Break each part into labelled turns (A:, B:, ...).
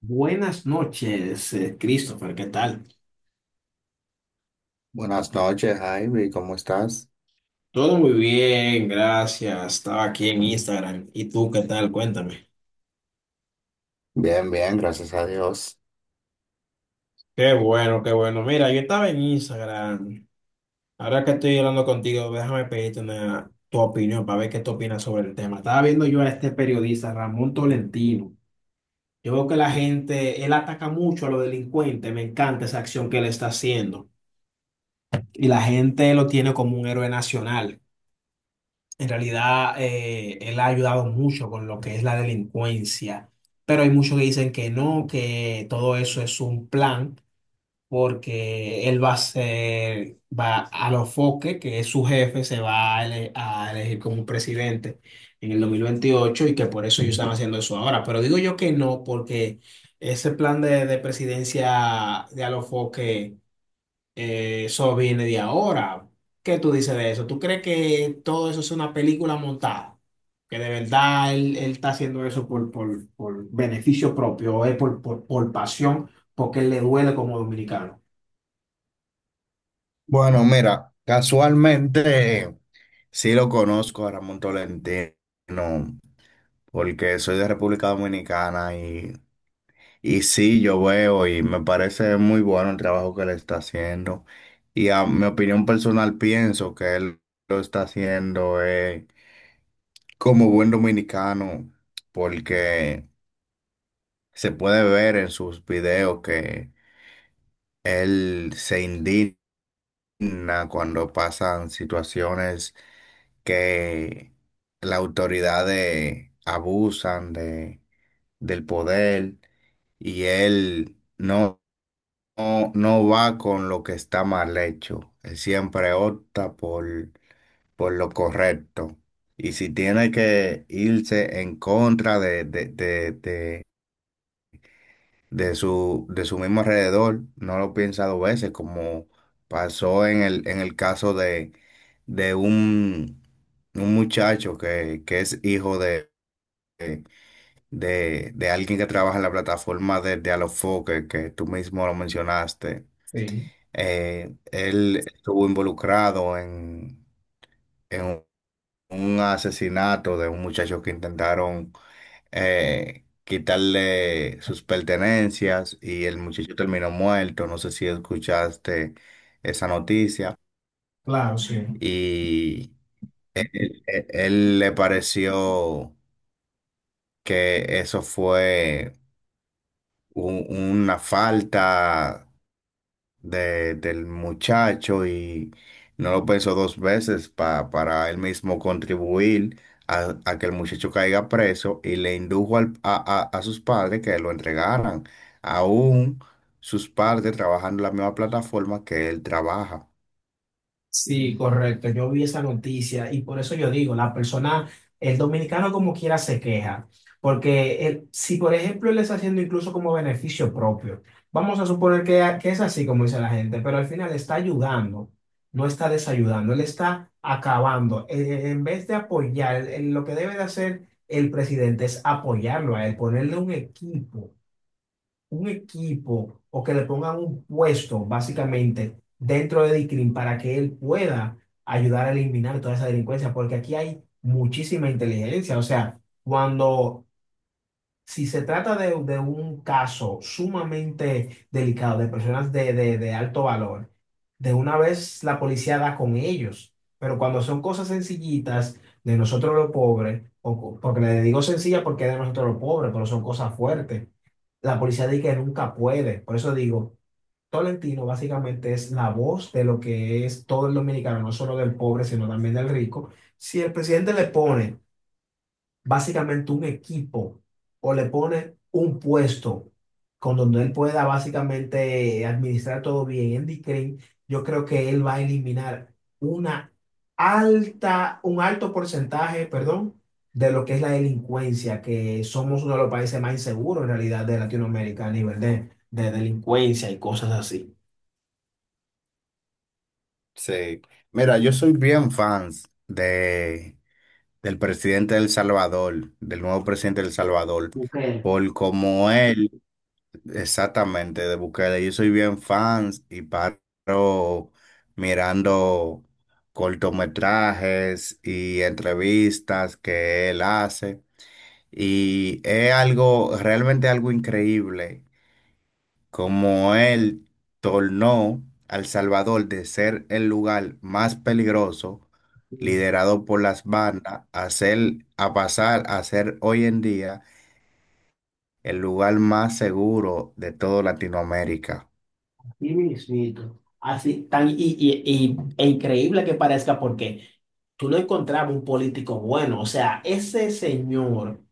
A: Buenas noches, Christopher, ¿qué tal?
B: Buenas noches, Javi, ¿cómo estás?
A: Todo muy bien, gracias. Estaba aquí en Instagram. ¿Y tú qué tal? Cuéntame.
B: Bien, bien, gracias a Dios.
A: Qué bueno, qué bueno. Mira, yo estaba en Instagram. Ahora que estoy hablando contigo, déjame pedirte tu opinión para ver qué tú opinas sobre el tema. Estaba viendo yo a este periodista, Ramón Tolentino. Yo veo que la gente, él ataca mucho a los delincuentes. Me encanta esa acción que él está haciendo. Y la gente lo tiene como un héroe nacional. En realidad, él ha ayudado mucho con lo que es la delincuencia, pero hay muchos que dicen que no, que todo eso es un plan, porque él va a los Foque, que es su jefe, se va a, ele- a elegir como presidente en el 2028, y que por eso ellos están haciendo eso ahora. Pero digo yo que no, porque ese plan de presidencia de Alofoque eso viene de ahora. ¿Qué tú dices de eso? ¿Tú crees que todo eso es una película montada? Que de verdad él está haciendo eso por beneficio propio, o es por pasión, porque le duele como dominicano.
B: Bueno, mira, casualmente sí lo conozco a Ramón Tolentino, porque soy de República Dominicana y sí, yo veo y me parece muy bueno el trabajo que le está haciendo. Y a mi opinión personal pienso que él lo está haciendo como buen dominicano, porque se puede ver en sus videos que él se indigna cuando pasan situaciones que las autoridades abusan del poder y él no va con lo que está mal hecho. Él siempre opta por lo correcto. Y si tiene que irse en contra de su mismo alrededor, no lo piensa dos veces, como pasó en el caso de un muchacho que es hijo de alguien que trabaja en la plataforma de Alofoque, que tú mismo lo mencionaste.
A: Sí,
B: Él estuvo involucrado en un asesinato de un muchacho que intentaron quitarle sus pertenencias y el muchacho terminó muerto. No sé si escuchaste esa noticia.
A: claro, sí.
B: Y él le pareció que eso fue una falta del muchacho y no lo pensó dos veces para él mismo contribuir a que el muchacho caiga preso y le indujo a sus padres que lo entregaran. Aún sus padres trabajan en la misma plataforma que él trabaja.
A: Sí, correcto. Yo vi esa noticia y por eso yo digo, la persona, el dominicano como quiera se queja, porque si por ejemplo él está haciendo incluso como beneficio propio, vamos a suponer que es así como dice la gente, pero al final está ayudando, no está desayudando, él está acabando. En vez de apoyar, lo que debe de hacer el presidente es apoyarlo a él, ponerle un equipo o que le pongan un puesto básicamente dentro de Dicrim para que él pueda ayudar a eliminar toda esa delincuencia, porque aquí hay muchísima inteligencia. O sea, cuando, si se trata de un caso sumamente delicado de personas de alto valor, de una vez la policía da con ellos, pero cuando son cosas sencillitas de nosotros los pobres, o, porque le digo sencilla porque es de nosotros los pobres, pero son cosas fuertes la policía dice que nunca puede. Por eso digo, Tolentino básicamente es la voz de lo que es todo el dominicano, no solo del pobre, sino también del rico. Si el presidente le pone básicamente un equipo o le pone un puesto con donde él pueda básicamente administrar todo bien. Andy Green, yo creo que él va a eliminar una un alto porcentaje, perdón, de lo que es la delincuencia, que somos uno de los países más inseguros en realidad de Latinoamérica a nivel de delincuencia y cosas así.
B: Sí. Mira, yo soy bien fans del presidente de El Salvador, del nuevo presidente de El Salvador,
A: Ok.
B: por como él. Exactamente, de Bukele. Yo soy bien fan y paro mirando cortometrajes y entrevistas que él hace. Y es algo, realmente algo increíble, como él tornó a El Salvador de ser el lugar más peligroso, liderado por las bandas, a pasar a ser hoy en día el lugar más seguro de toda Latinoamérica.
A: Sí mismito. Así, tan, e increíble que parezca porque tú no encontrabas un político bueno. O sea, ese señor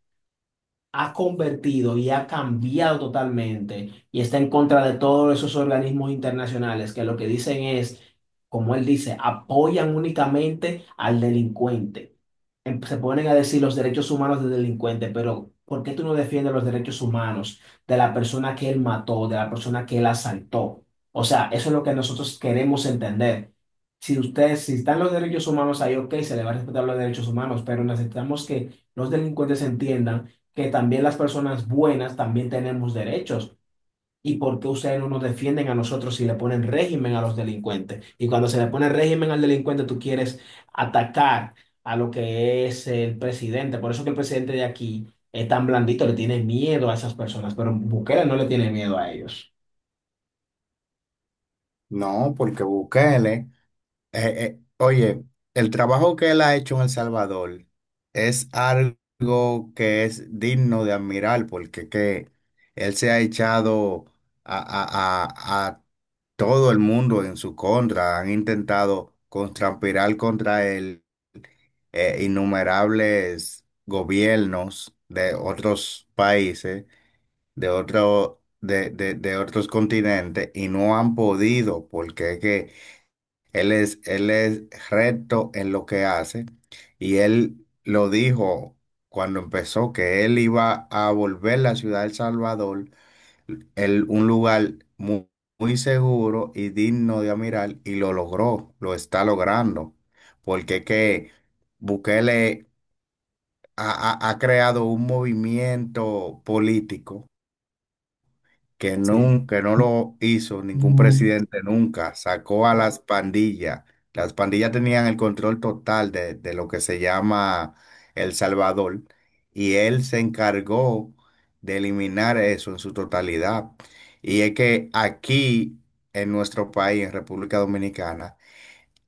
A: ha convertido y ha cambiado totalmente y está en contra de todos esos organismos internacionales que lo que dicen es, como él dice, apoyan únicamente al delincuente. Se ponen a decir los derechos humanos del delincuente, pero ¿por qué tú no defiendes los derechos humanos de la persona que él mató, de la persona que él asaltó? O sea, eso es lo que nosotros queremos entender. Si están los derechos humanos ahí, ok, se le va a respetar los derechos humanos, pero necesitamos que los delincuentes entiendan que también las personas buenas también tenemos derechos. ¿Y por qué ustedes no nos defienden a nosotros si le ponen régimen a los delincuentes? Y cuando se le pone régimen al delincuente, tú quieres atacar a lo que es el presidente. Por eso que el presidente de aquí es tan blandito, le tiene miedo a esas personas, pero Bukele no le tiene miedo a ellos.
B: No, porque Bukele, oye, el trabajo que él ha hecho en El Salvador es algo que es digno de admirar, porque que él se ha echado a todo el mundo en su contra, han intentado contrapirar contra él innumerables gobiernos de otros países, de otros continentes, y no han podido, porque es que él es recto en lo que hace y él lo dijo cuando empezó que él iba a volver la ciudad del Salvador, un lugar muy seguro y digno de admirar y lo logró, lo está logrando, porque que Bukele ha, ha creado un movimiento político que
A: Sí.
B: nunca, no lo hizo ningún
A: Mm.
B: presidente nunca, sacó a las pandillas. Las pandillas tenían el control total de lo que se llama El Salvador y él se encargó de eliminar eso en su totalidad. Y es que aquí, en nuestro país, en República Dominicana,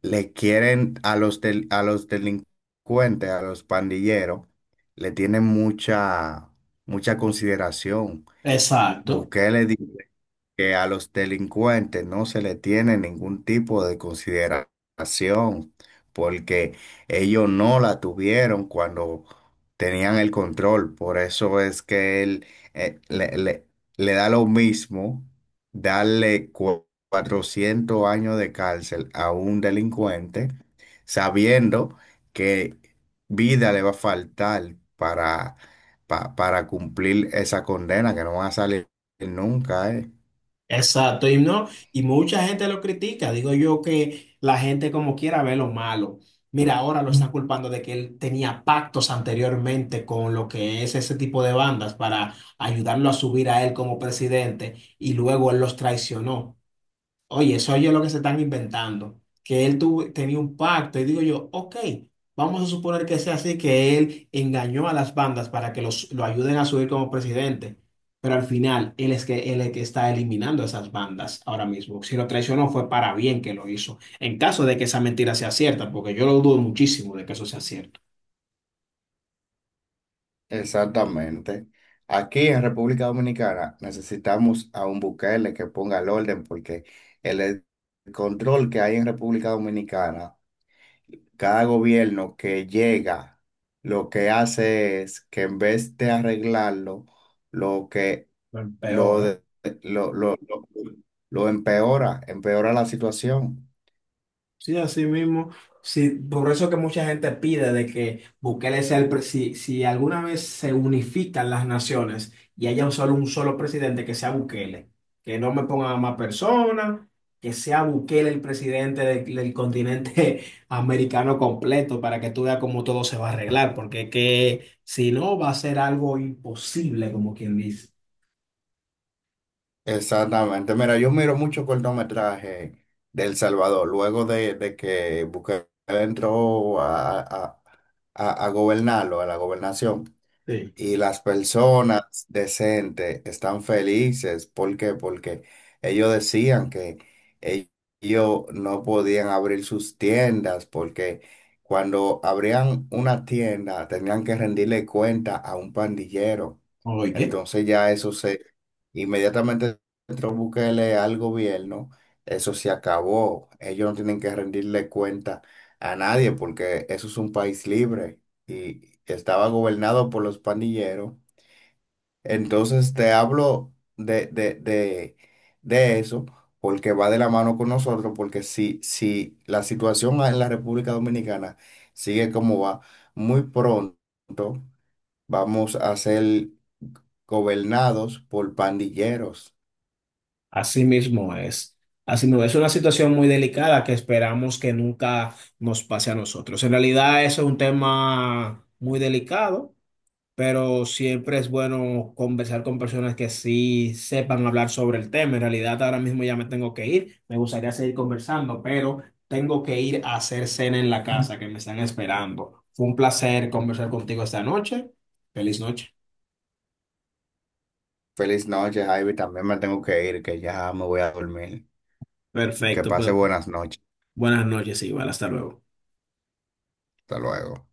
B: le quieren a los, a los delincuentes, a los pandilleros, le tienen mucha, mucha consideración.
A: Exacto.
B: Bukele que a los delincuentes no se le tiene ningún tipo de consideración, porque ellos no la tuvieron cuando tenían el control. Por eso es que él eh, le, le- le da lo mismo darle 400 años de cárcel a un delincuente, sabiendo que vida le va a faltar para, para cumplir esa condena, que no van a salir nunca, ¿eh?
A: Exacto, y no, y mucha gente lo critica. Digo yo que la gente como quiera ve lo malo. Mira, ahora lo están culpando de que él tenía pactos anteriormente con lo que es ese tipo de bandas para ayudarlo a subir a él como presidente y luego él los traicionó. Oye, eso oye lo que se están inventando, que él tenía un pacto y digo yo, ok, vamos a suponer que sea así, que él engañó a las bandas para que lo ayuden a subir como presidente, pero al final él es que está eliminando esas bandas ahora mismo. Si lo traicionó fue para bien que lo hizo, en caso de que esa mentira sea cierta, porque yo lo dudo muchísimo de que eso sea cierto.
B: Exactamente. Aquí en República Dominicana necesitamos a un Bukele que ponga el orden porque el control que hay en República Dominicana, cada gobierno que llega, lo que hace es que en vez de arreglarlo, lo que
A: Peor,
B: lo,
A: ¿eh?
B: de- lo, lo, lo, lo empeora, empeora la situación.
A: Sí, así mismo. Sí, por eso que mucha gente pide de que Bukele sea el presidente. Si, si alguna vez se unifican las naciones y haya un solo, presidente, que sea Bukele. Que no me pongan a más personas, que sea Bukele el presidente del continente americano completo para que tú veas cómo todo se va a arreglar. Porque que, si no, va a ser algo imposible, como quien dice.
B: Exactamente. Mira, yo miro mucho cortometraje de El Salvador. Luego de que Bukele entró a gobernarlo, a la gobernación,
A: Sí.
B: y las personas decentes están felices. ¿Por qué? Porque ellos decían que e- ellos no podían abrir sus tiendas porque cuando abrían una tienda tenían que rendirle cuenta a un pandillero.
A: Oye.
B: Entonces ya inmediatamente entró Bukele al gobierno, eso se acabó. Ellos no tienen que rendirle cuenta a nadie porque eso es un país libre y estaba gobernado por los pandilleros. Entonces te hablo de eso porque va de la mano con nosotros, porque si, si la situación en la República Dominicana sigue como va, muy pronto vamos a ser gobernados por pandilleros.
A: Así mismo es. Así mismo es una situación muy delicada que esperamos que nunca nos pase a nosotros. En realidad, eso es un tema muy delicado, pero siempre es bueno conversar con personas que sí sepan hablar sobre el tema. En realidad, ahora mismo ya me tengo que ir. Me gustaría seguir conversando, pero tengo que ir a hacer cena en la casa que me están esperando. Fue un placer conversar contigo esta noche. Feliz noche.
B: Feliz noche, Javi. También me tengo que ir, que ya me voy a dormir. Que
A: Perfecto,
B: pase
A: pues
B: buenas noches.
A: buenas noches, igual. Hasta luego.
B: Hasta luego.